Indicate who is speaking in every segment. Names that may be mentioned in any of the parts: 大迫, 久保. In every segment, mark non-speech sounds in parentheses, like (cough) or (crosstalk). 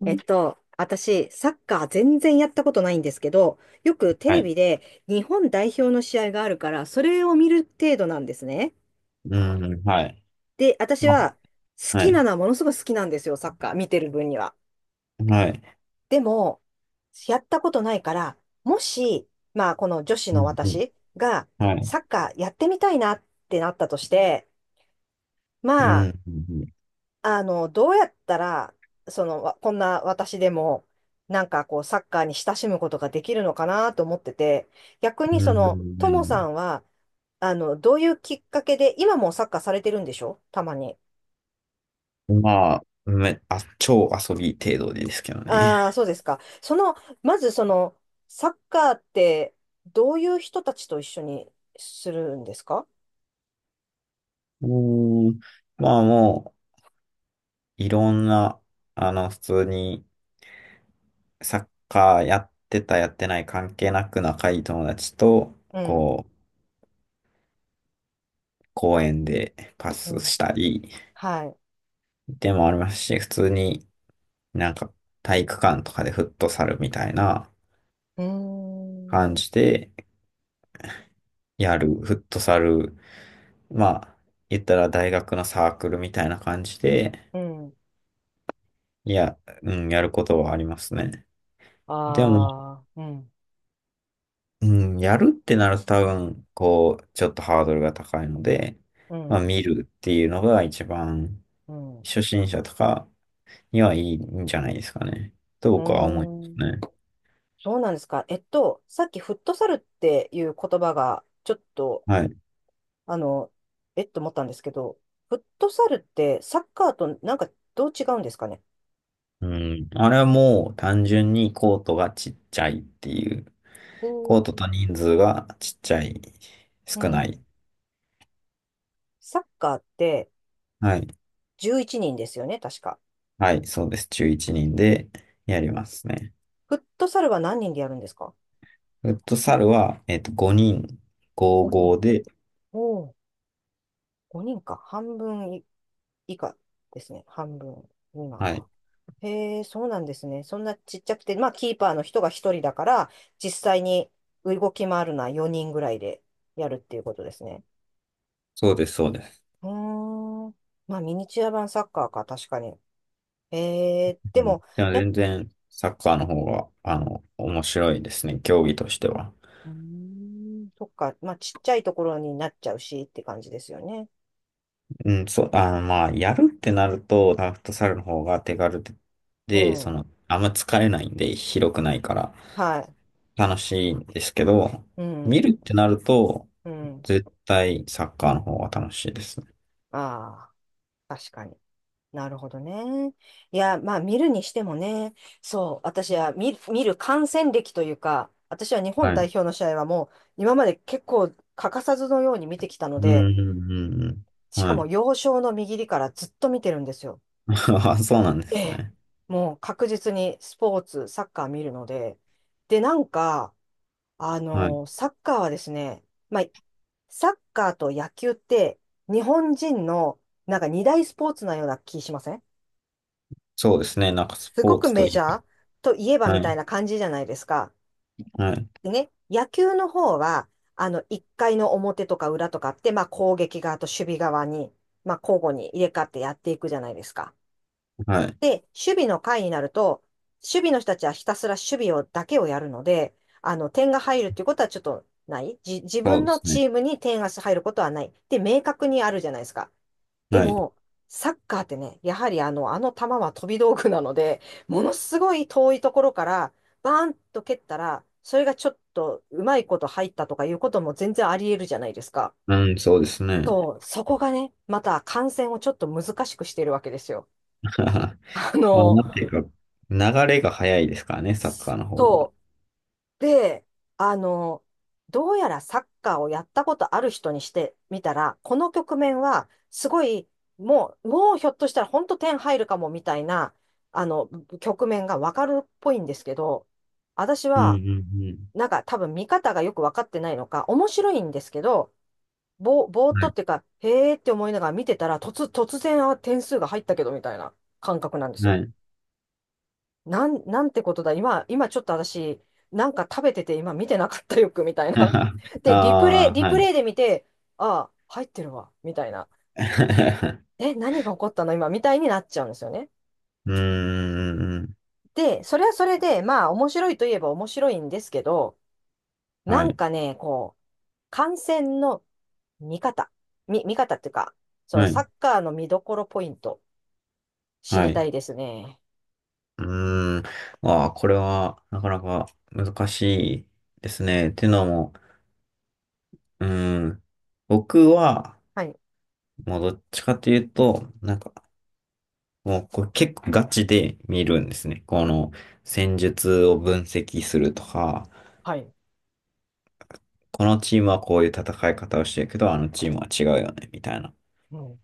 Speaker 1: は
Speaker 2: 私、サッカー全然やったことないんですけど、よくテレ
Speaker 1: い。
Speaker 2: ビで日本代表の試合があるから、それを見る程度なんですね。
Speaker 1: うん、はい。
Speaker 2: で、私
Speaker 1: ま
Speaker 2: は
Speaker 1: あ、
Speaker 2: 好
Speaker 1: は
Speaker 2: きな
Speaker 1: い。
Speaker 2: のはものすごく好きなんですよ、サッカー見てる分には。
Speaker 1: はい。
Speaker 2: でも、やったことないから、もし、まあ、この女子
Speaker 1: う
Speaker 2: の
Speaker 1: ん、うん、
Speaker 2: 私が
Speaker 1: はい。
Speaker 2: サッカーやってみたいなってなったとして、
Speaker 1: う
Speaker 2: まあ、
Speaker 1: ん、うん、
Speaker 2: どうやったら、わこんな私でも、サッカーに親しむことができるのかなと思ってて、逆
Speaker 1: う
Speaker 2: にそ
Speaker 1: ん。
Speaker 2: の、
Speaker 1: う
Speaker 2: ともさ
Speaker 1: ん、
Speaker 2: んは、どういうきっかけで、今もサッカーされてるんでしょたまに。
Speaker 1: うん、まあ、超遊び程度ですけどね。
Speaker 2: ああ、そうですか。その、まずその、サッカーって、どういう人たちと一緒にするんですか。
Speaker 1: うーん。まあ、もう、いろんな、あの、普通にサッカーやってた、やってない関係なく仲いい友達と、
Speaker 2: うん、
Speaker 1: こう、公園でパ
Speaker 2: う
Speaker 1: ス
Speaker 2: ん、
Speaker 1: したり
Speaker 2: はい。
Speaker 1: でもありますし、普通になんか体育館とかでフットサルみたいな
Speaker 2: うーん、
Speaker 1: 感じで、やる、フットサル、まあ、言ったら大学のサークルみたいな感じで、
Speaker 2: うん。
Speaker 1: いや、うん、やることはありますね。でも、
Speaker 2: ああ、うん、
Speaker 1: うん、やるってなると多分、こう、ちょっとハードルが高いので、
Speaker 2: う
Speaker 1: まあ、
Speaker 2: ん、
Speaker 1: 見るっていうのが一番、
Speaker 2: うん、う
Speaker 1: 初心者とかにはいいんじゃないですかね。と
Speaker 2: ー
Speaker 1: 僕は思います
Speaker 2: ん。
Speaker 1: ね。
Speaker 2: そうなんですか。さっきフットサルっていう言葉が、ちょっと、
Speaker 1: はい。
Speaker 2: あの、えっと思ったんですけど、フットサルってサッカーとなんかどう違うんですかね。
Speaker 1: うん。あれはもう単純にコートがちっちゃいっていう。コー
Speaker 2: おー
Speaker 1: ト
Speaker 2: ん。
Speaker 1: と人数がちっちゃい、
Speaker 2: う
Speaker 1: 少ない。
Speaker 2: ん。サッカーって
Speaker 1: はい。
Speaker 2: 11人ですよね、確か。
Speaker 1: はい、そうです。中1人でやりますね。
Speaker 2: フットサルは何人でやるんですか？
Speaker 1: フットサルは、えっと、5人、
Speaker 2: 5 人。
Speaker 1: 5対5で、
Speaker 2: お、5人か。半分い以下ですね。半分未満
Speaker 1: は
Speaker 2: が。
Speaker 1: い、
Speaker 2: へえ、そうなんですね。そんなちっちゃくて、まあ、キーパーの人が一人だから、実際に動き回るのは4人ぐらいでやるっていうことですね。
Speaker 1: そうです、そうです。
Speaker 2: うーん。まあ、ミニチュア版サッカーか、確かに。へえー、
Speaker 1: う
Speaker 2: で
Speaker 1: ん。
Speaker 2: も、
Speaker 1: でも
Speaker 2: やっ
Speaker 1: 全然、サッカーの方が、あの、面白いですね、競技としては。
Speaker 2: うーん、そっか。まあ、ちっちゃいところになっちゃうしって感じですよね。
Speaker 1: うん、そう、あの、まあ、やるってなると、フットサルの方が手軽で、
Speaker 2: う
Speaker 1: でそ
Speaker 2: ん。
Speaker 1: の、あんま疲れないんで、広くないから、
Speaker 2: はい。
Speaker 1: 楽しいんですけど、
Speaker 2: う
Speaker 1: 見
Speaker 2: ん。
Speaker 1: るってなると、
Speaker 2: うん。
Speaker 1: 絶対サッカーの方が楽しいですね。
Speaker 2: ああ、確かに。なるほどね。いや、まあ見るにしてもね、そう、私は見る、観戦歴というか、私は日本
Speaker 1: は
Speaker 2: 代
Speaker 1: い。
Speaker 2: 表の試合はもう今まで結構欠かさずのように見てきたの
Speaker 1: うん、
Speaker 2: で、
Speaker 1: うん、うん、うん。
Speaker 2: しか
Speaker 1: は
Speaker 2: も
Speaker 1: い。
Speaker 2: 幼少の右利からずっと見てるんですよ。
Speaker 1: (laughs) あ、そうなんで
Speaker 2: え
Speaker 1: す
Speaker 2: え。
Speaker 1: ね。
Speaker 2: もう確実にスポーツ、サッカー見るので。で、なんか、
Speaker 1: はい。
Speaker 2: サッカーはですね、まあ、サッカーと野球って日本人のなんか二大スポーツなような気しません？
Speaker 1: そうですね。なんかス
Speaker 2: す
Speaker 1: ポ
Speaker 2: ご
Speaker 1: ー
Speaker 2: く
Speaker 1: ツと
Speaker 2: メ
Speaker 1: い
Speaker 2: ジ
Speaker 1: え
Speaker 2: ャーといえば
Speaker 1: ば。
Speaker 2: み
Speaker 1: は
Speaker 2: たい
Speaker 1: い。
Speaker 2: な感じじゃないですか。
Speaker 1: はい。
Speaker 2: でね、野球の方は、1回の表とか裏とかって、まあ攻撃側と守備側に、まあ交互に入れ替わってやっていくじゃないですか。
Speaker 1: はい。
Speaker 2: で、守備の回になると、守備の人たちはひたすら守備をだけをやるので、点が入るっていうことはちょっとない。自
Speaker 1: そ
Speaker 2: 分
Speaker 1: うで
Speaker 2: の
Speaker 1: すね。
Speaker 2: チームに点が入ることはない。で、明確にあるじゃないですか。で
Speaker 1: はい。
Speaker 2: も、サッカーってね、やはりあの球は飛び道具なので、ものすごい遠いところから、バーンと蹴ったら、それがちょっとうまいこと入ったとかいうことも全然あり得るじゃないですか。
Speaker 1: うん、そうですね。
Speaker 2: そう、そこがね、また観戦をちょっと難しくしてるわけですよ。
Speaker 1: (laughs)
Speaker 2: あ
Speaker 1: あ、
Speaker 2: の、
Speaker 1: なんていうか、流れが早いですからね、サッカーの方が。
Speaker 2: そうで、あの、どうやらサッカーをやったことある人にしてみたら、この局面は、すごい、もうひょっとしたら本当点入るかもみたいな、あの、局面がわかるっぽいんですけど、私
Speaker 1: うん、うん、
Speaker 2: は、
Speaker 1: うん。
Speaker 2: なんか多分見方がよくわかってないのか、面白いんですけど、ぼーっとっていうか、へーって思いながら見てたら、突然、あ、点数が入ったけどみたいな感覚なんです
Speaker 1: は
Speaker 2: よ。
Speaker 1: い。はい。
Speaker 2: なんてことだ。今ちょっと私、なんか食べてて今見てなかったよく、みたいな。
Speaker 1: (laughs) あ
Speaker 2: で、
Speaker 1: あ、
Speaker 2: リ
Speaker 1: は
Speaker 2: プ
Speaker 1: い。
Speaker 2: レイで見て、ああ、入ってるわ、みたいな。
Speaker 1: (laughs)
Speaker 2: え、何が起こったの今、みたいになっちゃうんですよね。
Speaker 1: うーん。
Speaker 2: で、それはそれで、まあ、面白いといえば面白いんですけど、
Speaker 1: は
Speaker 2: なん
Speaker 1: い。
Speaker 2: かね、こう、観戦の見方、見方っていうか、その
Speaker 1: は
Speaker 2: サ
Speaker 1: い。
Speaker 2: ッカーの見どころポイント、知
Speaker 1: は
Speaker 2: りた
Speaker 1: い。
Speaker 2: いですね。
Speaker 1: うーん。ああ、これは、なかなか難しいですね。っていうのも、うーん、僕は、
Speaker 2: はい、
Speaker 1: もうどっちかというと、なんか、もうこれ結構ガチで見るんですね。この戦術を分析するとか、
Speaker 2: はい、
Speaker 1: このチームはこういう戦い方をしてるけど、あのチームは違うよね、みたいな。
Speaker 2: うん、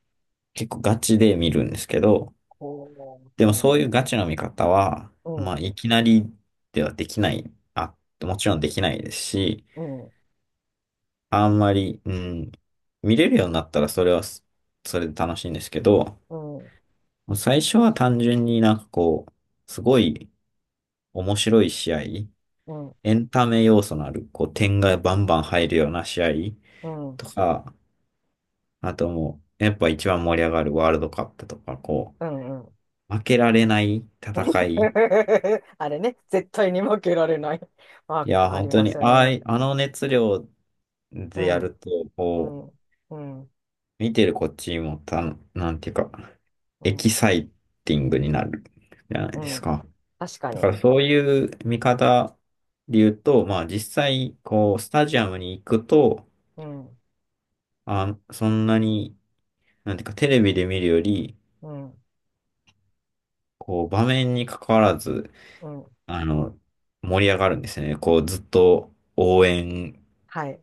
Speaker 1: 結構ガチで見るんですけど、
Speaker 2: こ
Speaker 1: で
Speaker 2: う、
Speaker 1: も
Speaker 2: う
Speaker 1: そう
Speaker 2: ん、
Speaker 1: いうガチの見方は、
Speaker 2: う
Speaker 1: ま
Speaker 2: ん、
Speaker 1: あ、いきなりではできない。あ、もちろんできないですし、
Speaker 2: うん、
Speaker 1: あんまり、うん、見れるようになったらそれはそれで楽しいんですけど、
Speaker 2: うん、
Speaker 1: 最初は単純になんかこう、すごい面白い試合、
Speaker 2: うん。
Speaker 1: エンタメ要素のある、こう、点がバンバン入るような試合
Speaker 2: うん
Speaker 1: とか、あともう、やっぱ一番盛り上がるワールドカップとか、こ
Speaker 2: うんうん。
Speaker 1: う、負けられない戦い。
Speaker 2: (laughs) あれね、絶対に負けられない (laughs) ワー
Speaker 1: いや、
Speaker 2: クあ
Speaker 1: 本
Speaker 2: り
Speaker 1: 当
Speaker 2: ま
Speaker 1: に、
Speaker 2: すよ
Speaker 1: ああ
Speaker 2: ね。
Speaker 1: い、あの熱量
Speaker 2: う
Speaker 1: でやる
Speaker 2: ん、
Speaker 1: と、
Speaker 2: う
Speaker 1: こう、
Speaker 2: ん、うん、
Speaker 1: 見てるこっちもた、なんていうか、
Speaker 2: う
Speaker 1: エキ
Speaker 2: ん、
Speaker 1: サイティングになるじゃない
Speaker 2: う
Speaker 1: です
Speaker 2: ん。
Speaker 1: か。
Speaker 2: 確か
Speaker 1: だか
Speaker 2: に。
Speaker 1: らそういう見方で言うと、まあ実際、こう、スタジアムに行くと、
Speaker 2: うん、
Speaker 1: あ、そんなに、なんていうか、テレビで見るより、
Speaker 2: うん、
Speaker 1: こう、場面に関わらず、
Speaker 2: うん。
Speaker 1: あの、盛り上がるんですよね。こう、ずっと応援
Speaker 2: はい。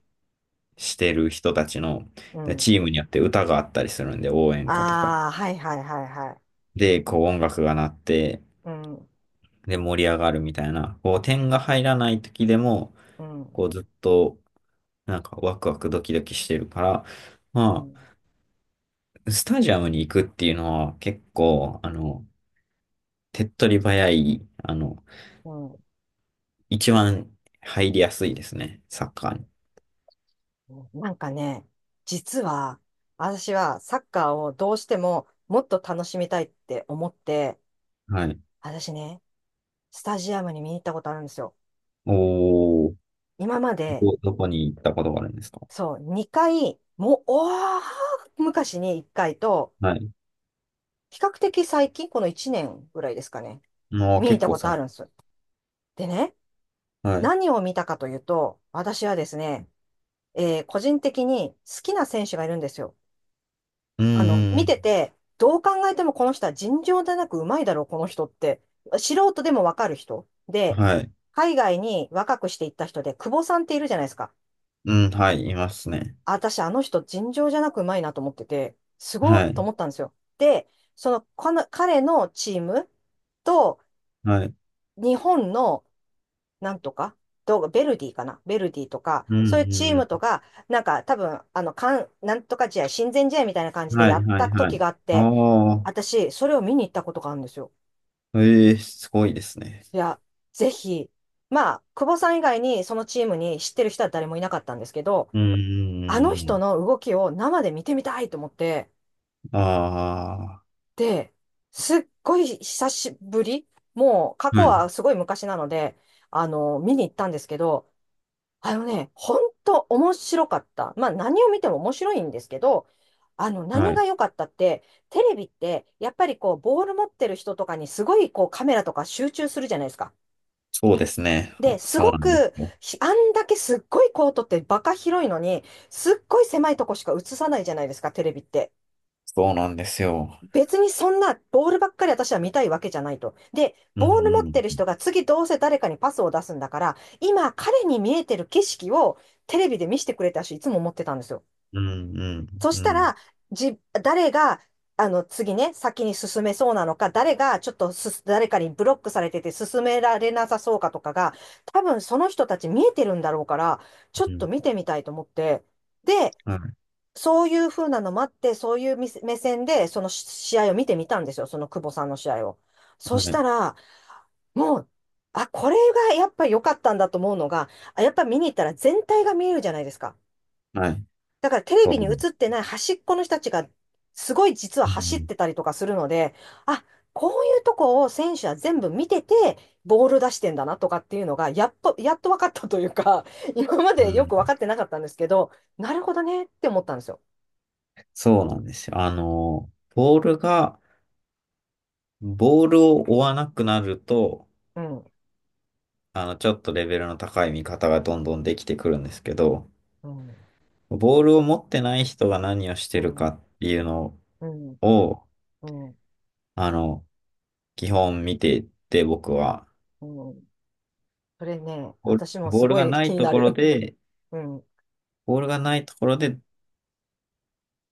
Speaker 1: してる人たちの、
Speaker 2: う
Speaker 1: で
Speaker 2: ん。
Speaker 1: チームによって歌があったりするんで、応援歌とか。
Speaker 2: ああ、はいはいはいはい。
Speaker 1: で、こう、音楽が鳴って、
Speaker 2: うん、う
Speaker 1: で、盛り上がるみたいな、こう、点が入らない時でも、
Speaker 2: ん、
Speaker 1: こう、ずっと、なんか、ワクワクドキドキしてるから、
Speaker 2: う
Speaker 1: ま
Speaker 2: ん、
Speaker 1: あ、スタジアムに行くっていうのは結構、あの、手っ取り早い、あの、
Speaker 2: うん。
Speaker 1: 一番入りやすいですね、サッカーに。
Speaker 2: なんかね、実は、私はサッカーをどうしてももっと楽しみたいって思って、
Speaker 1: はい。
Speaker 2: 私ね、スタジアムに見に行ったことあるんですよ。
Speaker 1: おー、
Speaker 2: 今まで
Speaker 1: どこに行ったことがあるんですか？
Speaker 2: そう、2回、もう、おー、昔に1回と、
Speaker 1: はい。
Speaker 2: 比較的最近、この1年ぐらいですかね、
Speaker 1: もう
Speaker 2: 見に行っ
Speaker 1: 結
Speaker 2: た
Speaker 1: 構
Speaker 2: ことあ
Speaker 1: 最
Speaker 2: るんで
Speaker 1: 近。
Speaker 2: す。でね、
Speaker 1: はい。
Speaker 2: 何を見たかというと、私はですね、個人的に好きな選手がいるんですよ。
Speaker 1: うん、
Speaker 2: あの、
Speaker 1: う
Speaker 2: 見
Speaker 1: ん、
Speaker 2: てて、どう考えてもこの人は尋常でなくうまいだろう、この人って。素人でもわかる人。
Speaker 1: うん。
Speaker 2: で、
Speaker 1: はい。
Speaker 2: 海外に若くしていった人で、久保さんっているじゃないですか。
Speaker 1: うん、はい、いますね。
Speaker 2: 私、あの人、尋常じゃなくうまいなと思ってて、すごい
Speaker 1: は
Speaker 2: と
Speaker 1: い。
Speaker 2: 思ったんですよ。で、その、この彼のチームと、
Speaker 1: はい。
Speaker 2: 日本の、なんとか、どうベルディかなベルディとか、
Speaker 1: うん、
Speaker 2: そういうチー
Speaker 1: う
Speaker 2: ムと
Speaker 1: ん。
Speaker 2: か、なんか多分、なんとか試合、親善試合みたいな感じで
Speaker 1: は
Speaker 2: や
Speaker 1: い、
Speaker 2: っ
Speaker 1: は
Speaker 2: た
Speaker 1: い、は
Speaker 2: 時
Speaker 1: い。
Speaker 2: があっ
Speaker 1: あ
Speaker 2: て、
Speaker 1: あ、
Speaker 2: 私、それを見に行ったことがあるんですよ。
Speaker 1: ええ、すごいですね。
Speaker 2: いや、ぜひ、まあ、久保さん以外にそのチームに知ってる人は誰もいなかったんですけど、
Speaker 1: うん、うん、
Speaker 2: あの
Speaker 1: う
Speaker 2: 人
Speaker 1: ん。
Speaker 2: の動きを生で見てみたいと思って、
Speaker 1: あ
Speaker 2: で、すっごい久しぶり、もう過
Speaker 1: あ、
Speaker 2: 去
Speaker 1: はい、
Speaker 2: はすごい昔なので、見に行ったんですけど、あのね、本当面白かった。まあ何を見ても面白いんですけど、
Speaker 1: は
Speaker 2: 何
Speaker 1: い。
Speaker 2: が良かったって、テレビって、やっぱりこう、ボール持ってる人とかにすごいこう、カメラとか集中するじゃないですか。
Speaker 1: そうですね。
Speaker 2: で、
Speaker 1: あ、
Speaker 2: す
Speaker 1: そう
Speaker 2: ご
Speaker 1: なんです
Speaker 2: く、
Speaker 1: よ。
Speaker 2: ひあんだけすっごいコートってバカ広いのに、すっごい狭いとこしか映さないじゃないですか、テレビって。
Speaker 1: そうなんですよ。
Speaker 2: 別にそんなボールばっかり私は見たいわけじゃないと。で、
Speaker 1: う
Speaker 2: ボール持っ
Speaker 1: ん、
Speaker 2: てる
Speaker 1: うん。
Speaker 2: 人が次どうせ誰かにパスを出すんだから、今彼に見えてる景色をテレビで見せてくれたし、いつも思ってたんですよ。
Speaker 1: うん、うん、
Speaker 2: そし
Speaker 1: う
Speaker 2: たら、
Speaker 1: ん、
Speaker 2: 誰が、次ね、先に進めそうなのか、誰がちょっと誰かにブロックされてて進められなさそうかとかが、多分その人たち見えてるんだろうから、ちょっ
Speaker 1: う
Speaker 2: と
Speaker 1: ん。
Speaker 2: 見てみたいと思って、で、
Speaker 1: はい。
Speaker 2: そういう風なのもあって、そういうみせ目線で、その試合を見てみたんですよ、その久保さんの試合を。そ
Speaker 1: は
Speaker 2: し
Speaker 1: い。
Speaker 2: たら、もう、あ、これがやっぱ良かったんだと思うのが、あやっぱ見に行ったら全体が見えるじゃないですか。
Speaker 1: はい。
Speaker 2: だからテレ
Speaker 1: そ
Speaker 2: ビ
Speaker 1: う
Speaker 2: に
Speaker 1: なんです。
Speaker 2: 映ってない端っこの人たちが、すごい実は
Speaker 1: う
Speaker 2: 走っ
Speaker 1: ん、
Speaker 2: てたりとかするので、あ、こういうとこを選手は全部見てて、ボール出してんだなとかっていうのが、やっと分かったというか、(laughs) 今ま
Speaker 1: う
Speaker 2: でよ
Speaker 1: ん。
Speaker 2: く分かってなかったんですけど、なるほどねって思ったんですよ。
Speaker 1: そうなんですよ。あの、ボールを追わなくなると、
Speaker 2: うん。
Speaker 1: あの、ちょっとレベルの高い見方がどんどんできてくるんですけど、
Speaker 2: うん
Speaker 1: ボールを持ってない人が何をし
Speaker 2: う
Speaker 1: てる
Speaker 2: ん、
Speaker 1: かっていうの
Speaker 2: うん、
Speaker 1: を、
Speaker 2: うん、
Speaker 1: あの、基本見ていて、僕は、
Speaker 2: うん。それね、
Speaker 1: ボール
Speaker 2: 私も
Speaker 1: ボ
Speaker 2: す
Speaker 1: ール
Speaker 2: ご
Speaker 1: が
Speaker 2: い
Speaker 1: な
Speaker 2: 気
Speaker 1: い
Speaker 2: に
Speaker 1: と
Speaker 2: な
Speaker 1: ころ
Speaker 2: る。
Speaker 1: で、
Speaker 2: (laughs) うん、
Speaker 1: ボールがないところで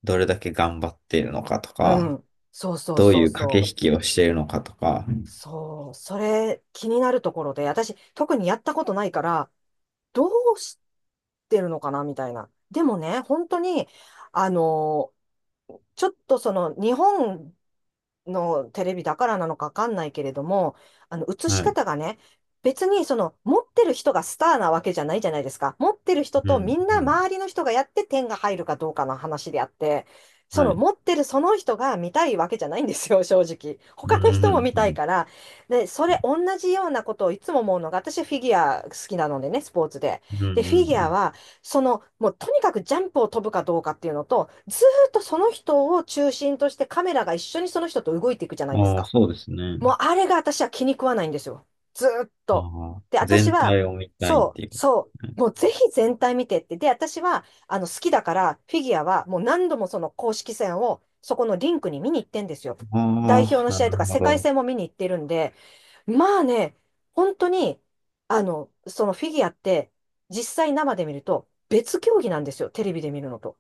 Speaker 1: どれだけ頑張っているのかと
Speaker 2: う
Speaker 1: か、
Speaker 2: ん。そうそう
Speaker 1: どう
Speaker 2: そ
Speaker 1: い
Speaker 2: う
Speaker 1: う駆
Speaker 2: そ
Speaker 1: け
Speaker 2: う。
Speaker 1: 引きをしているのかとか、
Speaker 2: そう、それ気になるところで、私特にやったことないから、どうしてるのかなみたいな。でもね、本当に、あの、ちょっとその日本のテレビだからなのかわかんないけれども、映
Speaker 1: は
Speaker 2: し
Speaker 1: い、
Speaker 2: 方がね、別に持ってる人がスターなわけじゃないじゃないですか。持ってる人
Speaker 1: う
Speaker 2: と
Speaker 1: ん、
Speaker 2: みん
Speaker 1: う
Speaker 2: な
Speaker 1: ん、
Speaker 2: 周りの人がやって点が入るかどうかの話であって、そ
Speaker 1: は
Speaker 2: の
Speaker 1: い、
Speaker 2: 持ってるその人が見たいわけじゃないんですよ、正直。
Speaker 1: うん、
Speaker 2: 他の人
Speaker 1: う
Speaker 2: も
Speaker 1: ん、
Speaker 2: 見た
Speaker 1: う
Speaker 2: い
Speaker 1: ん、
Speaker 2: から。で、それ同じようなことをいつも思うのが、私フィギュア好きなのでね、スポーツで。
Speaker 1: うん、う
Speaker 2: で、フィギュア
Speaker 1: ん、
Speaker 2: はもうとにかくジャンプを飛ぶかどうかっていうのと、ずーっとその人を中心としてカメラが一緒にその人と動いていくじゃな
Speaker 1: う
Speaker 2: いです
Speaker 1: ん。ああ、
Speaker 2: か。
Speaker 1: そうですね。
Speaker 2: もうあれが私は気に食わないんですよ。ずーっ
Speaker 1: あ
Speaker 2: と。
Speaker 1: あ、
Speaker 2: で、私
Speaker 1: 全
Speaker 2: は、
Speaker 1: 体を見たいっ
Speaker 2: そう、
Speaker 1: ていう。
Speaker 2: そもうぜひ全体見てって。で、私は、好きだから、フィギュアはもう何度もその公式戦を、そこのリンクに見に行ってんですよ。代表
Speaker 1: あ
Speaker 2: の
Speaker 1: あ、な
Speaker 2: 試合と
Speaker 1: る
Speaker 2: か
Speaker 1: ほ
Speaker 2: 世界
Speaker 1: ど。
Speaker 2: 戦も見に行ってるんで、まあね、本当に、そのフィギュアって、実際生で見ると別競技なんですよ、テレビで見るのと。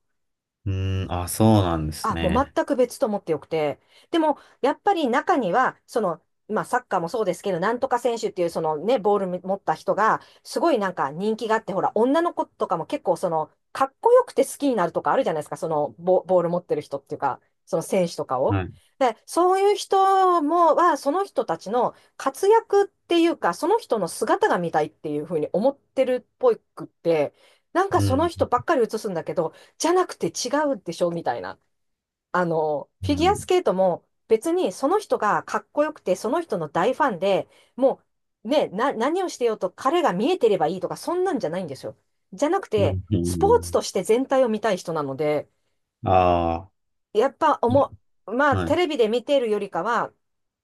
Speaker 1: うん、あ、そうなんです
Speaker 2: あ、もう
Speaker 1: ね。
Speaker 2: 全く別と思ってよくて。でも、やっぱり中には、まあ、サッカーもそうですけど、なんとか選手っていう、そのね、ボール持った人が、すごいなんか人気があって、ほら、女の子とかも結構、かっこよくて好きになるとかあるじゃないですか、ボール持ってる人っていうか、その選手とかを。
Speaker 1: はい。
Speaker 2: で、そういう人も、その人たちの活躍っていうか、その人の姿が見たいっていうふうに思ってるっぽくって、なんか
Speaker 1: う
Speaker 2: その
Speaker 1: ん、
Speaker 2: 人ばっかり映すんだけど、じゃなくて違うでしょみたいな。フィ
Speaker 1: う
Speaker 2: ギュア
Speaker 1: ん、
Speaker 2: スケートも別にその人がかっこよくて、その人の大ファンで、もうね、何をしてようと彼が見えてればいいとか、そんなんじゃないんですよ。じゃなく
Speaker 1: う
Speaker 2: て、
Speaker 1: ん、う
Speaker 2: スポーツと
Speaker 1: ん。
Speaker 2: して全体を見たい人なので、
Speaker 1: あ
Speaker 2: やっぱ思う、まあ、
Speaker 1: あ、は
Speaker 2: テ
Speaker 1: い。
Speaker 2: レビで見ているよりかは、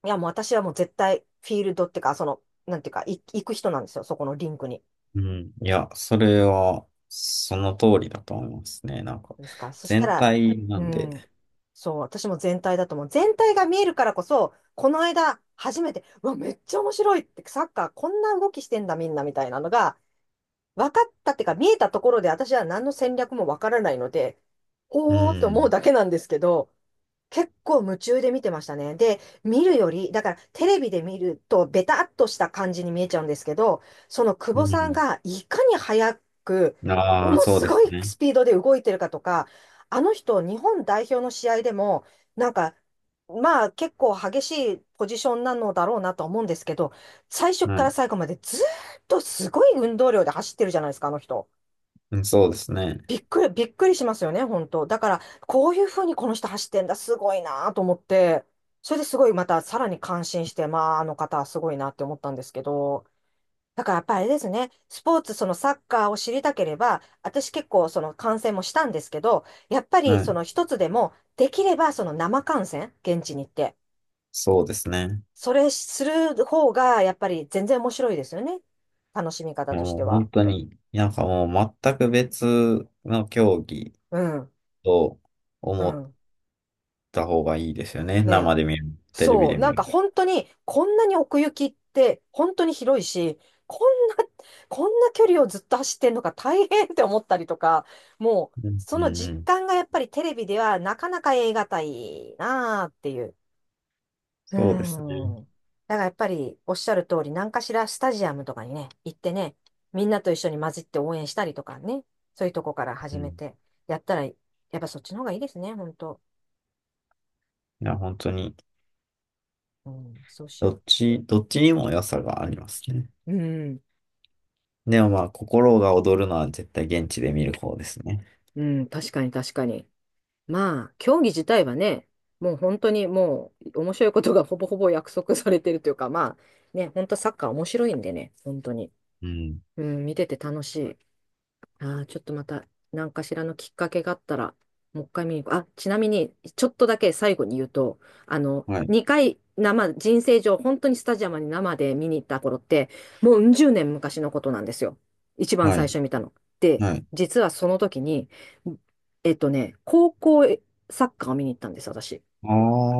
Speaker 2: いや、もう私はもう絶対フィールドっていうか、なんていうか、行く人なんですよ、そこのリンクに。
Speaker 1: うん。いや、それは、その通りだと思いますね。なんか、
Speaker 2: ですか。そした
Speaker 1: 全
Speaker 2: ら、
Speaker 1: 体な
Speaker 2: う
Speaker 1: ん
Speaker 2: ん、
Speaker 1: で、
Speaker 2: そう、私も全体だと思う。全体が見えるからこそ、この間、初めて、うわ、めっちゃ面白いって、サッカーこんな動きしてんだ、みんな、みたいなのが、分かったっていうか、見えたところで、私は何の戦略も分からないので、
Speaker 1: う
Speaker 2: ほーって思う
Speaker 1: ん。
Speaker 2: だけなんですけど、結構夢中で見てましたね。で、見るより、だからテレビで見るとベタっとした感じに見えちゃうんですけど、その久
Speaker 1: う
Speaker 2: 保さん
Speaker 1: ん。
Speaker 2: がいかに早く、も
Speaker 1: ああ、
Speaker 2: の
Speaker 1: そう
Speaker 2: す
Speaker 1: で
Speaker 2: ご
Speaker 1: す
Speaker 2: い
Speaker 1: ね。
Speaker 2: スピードで動いてるかとか、あの人、日本代表の試合でも、なんか、まあ結構激しいポジションなのだろうなと思うんですけど、最初
Speaker 1: は
Speaker 2: から
Speaker 1: い。
Speaker 2: 最後までずーっとすごい運動量で走ってるじゃないですか、あの人。
Speaker 1: うん、そうですね。
Speaker 2: びっくりしますよね、本当。だから、こういうふうにこの人走ってんだ、すごいなと思って、それですごいまたさらに感心して、まあ、あの方はすごいなって思ったんですけど、だからやっぱりあれですね、スポーツ、そのサッカーを知りたければ、私結構その観戦もしたんですけど、やっぱり
Speaker 1: は
Speaker 2: そ
Speaker 1: い。
Speaker 2: の一つでも、できればその生観戦、現地に行って、
Speaker 1: そうですね。
Speaker 2: それする方が、やっぱり全然面白いですよね。楽しみ方とし
Speaker 1: もう
Speaker 2: ては。
Speaker 1: 本当に、なんかもう全く別の競技
Speaker 2: うん、
Speaker 1: と
Speaker 2: う
Speaker 1: 思っ
Speaker 2: ん。
Speaker 1: た方がいいですよね。
Speaker 2: ね
Speaker 1: 生で見る、テレビ
Speaker 2: そう、
Speaker 1: で見
Speaker 2: なんか
Speaker 1: る。
Speaker 2: 本当に、こんなに奥行きって本当に広いし、こんな、こんな距離をずっと走ってんのか大変って思ったりとか、もう、
Speaker 1: うん、
Speaker 2: そ
Speaker 1: う
Speaker 2: の
Speaker 1: ん、う
Speaker 2: 実
Speaker 1: ん。
Speaker 2: 感がやっぱりテレビではなかなか得難いなあっていう。う
Speaker 1: そうですね。
Speaker 2: ん。だからやっぱりおっしゃる通り、何かしらスタジアムとかにね、行ってね、みんなと一緒に混じって応援したりとかね、そういうとこから
Speaker 1: う
Speaker 2: 始め
Speaker 1: ん。
Speaker 2: て、やったら、やっぱそっちの方がいいですね、本当。
Speaker 1: いや、本当に、
Speaker 2: うん、そうしよ
Speaker 1: どっちにも良さがありますね。
Speaker 2: う。うん、
Speaker 1: でもまあ、心が躍るのは絶対現地で見る方ですね。
Speaker 2: うん、確かに確かに。まあ、競技自体はね、もう本当にもう面白いことが (laughs) ほぼほぼ約束されてるというか、まあね、本当サッカー面白いんでね、本当に。
Speaker 1: うん。
Speaker 2: うん、見てて楽しい。ああ、ちょっとまた、何かしらのきっかけがあったら、もう一回見に行く。あ、ちなみに、ちょっとだけ最後に言うと、
Speaker 1: はい。
Speaker 2: 2回生、人生上、本当にスタジアムに生で見に行った頃って、もううん十年昔のことなんですよ。一番
Speaker 1: は
Speaker 2: 最
Speaker 1: い。
Speaker 2: 初見たの。で、
Speaker 1: はい。
Speaker 2: 実はその時に、えっとね、高校サッカーを見に行ったんです、私。
Speaker 1: あ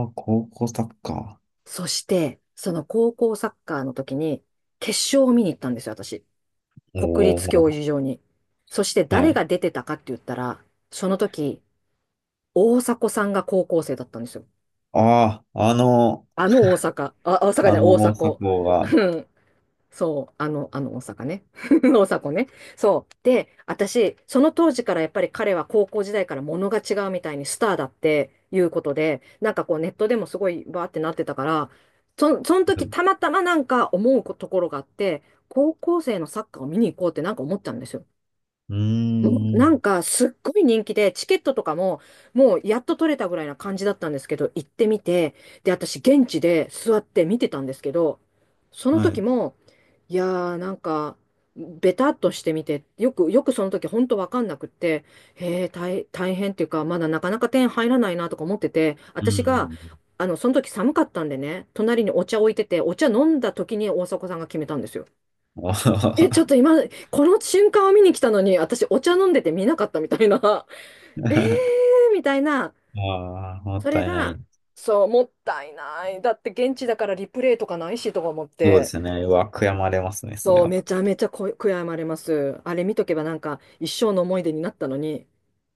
Speaker 1: あ、高校サッカー。
Speaker 2: そして、その高校サッカーの時に、決勝を見に行ったんですよ、私。
Speaker 1: お
Speaker 2: 国立競
Speaker 1: お、
Speaker 2: 技場に。そして
Speaker 1: は
Speaker 2: 誰
Speaker 1: い。
Speaker 2: が出てたかって言ったら、その時、大迫さんが高校生だったんですよ。
Speaker 1: ああ、あの、
Speaker 2: あの大阪。あ、大阪じゃな
Speaker 1: あ
Speaker 2: い、
Speaker 1: の
Speaker 2: 大
Speaker 1: 大
Speaker 2: 迫。
Speaker 1: 阪王が、
Speaker 2: うんそう、あの大阪ね。(laughs) 大迫ね。そう。で、私、その当時からやっぱり彼は高校時代から物が違うみたいにスターだっていうことで、なんかこうネットでもすごいバーってなってたから、その
Speaker 1: う
Speaker 2: 時
Speaker 1: ん、
Speaker 2: たまたまなんか思うところがあって、高校生のサッカーを見に行こうってなんか思ったんですよ。
Speaker 1: うー
Speaker 2: もうなん
Speaker 1: ん、
Speaker 2: かすっごい人気で、チケットとかももうやっと取れたぐらいな感じだったんですけど、行ってみて、で、私現地で座って見てたんですけど、その
Speaker 1: は
Speaker 2: 時
Speaker 1: い、
Speaker 2: も、いやなんか、ベタっとしてみて、よくその時ほんとわかんなくって、へえ、大変っていうか、まだなかなか点入らないなとか思ってて、
Speaker 1: う
Speaker 2: 私が、
Speaker 1: ん、
Speaker 2: その時寒かったんでね、隣にお茶置いてて、お茶飲んだ時に大迫さんが決めたんですよ。
Speaker 1: うん、
Speaker 2: え、ちょっ
Speaker 1: あ。
Speaker 2: と今、この瞬間を見に来たのに、私お茶飲んでて見なかったみたいな。(laughs) えー
Speaker 1: (laughs)
Speaker 2: みたいな。
Speaker 1: あー、もっ
Speaker 2: それ
Speaker 1: たいな
Speaker 2: が、
Speaker 1: い。
Speaker 2: そう、もったいない。だって現地だからリプレイとかないしとか思っ
Speaker 1: そうで
Speaker 2: て。
Speaker 1: すね。うわ、悔やまれますね、それ
Speaker 2: そう、
Speaker 1: は。
Speaker 2: めちゃめちゃこ悔やまれます。あれ見とけばなんか一生の思い出になったのに、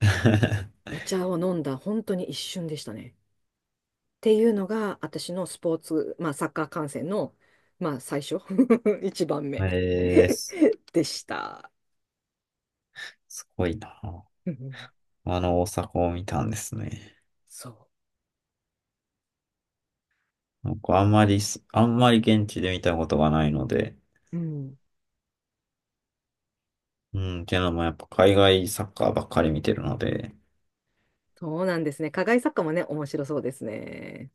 Speaker 1: (laughs)
Speaker 2: お茶を飲んだ本当に一瞬でしたね。っていうのが、私のスポーツ、まあサッカー観戦の、まあ最初、(laughs) 一番目
Speaker 1: えー、
Speaker 2: (laughs) でした。
Speaker 1: すごいな。
Speaker 2: うん
Speaker 1: あの大阪を見たんですね。
Speaker 2: そ
Speaker 1: 僕あんまりす、あんまり現地で見たことがないので、
Speaker 2: う。うん
Speaker 1: うん、っていうのもやっぱ海外サッカーばっかり見てるので、
Speaker 2: そうなんですね。課外作家もね、面白そうですね。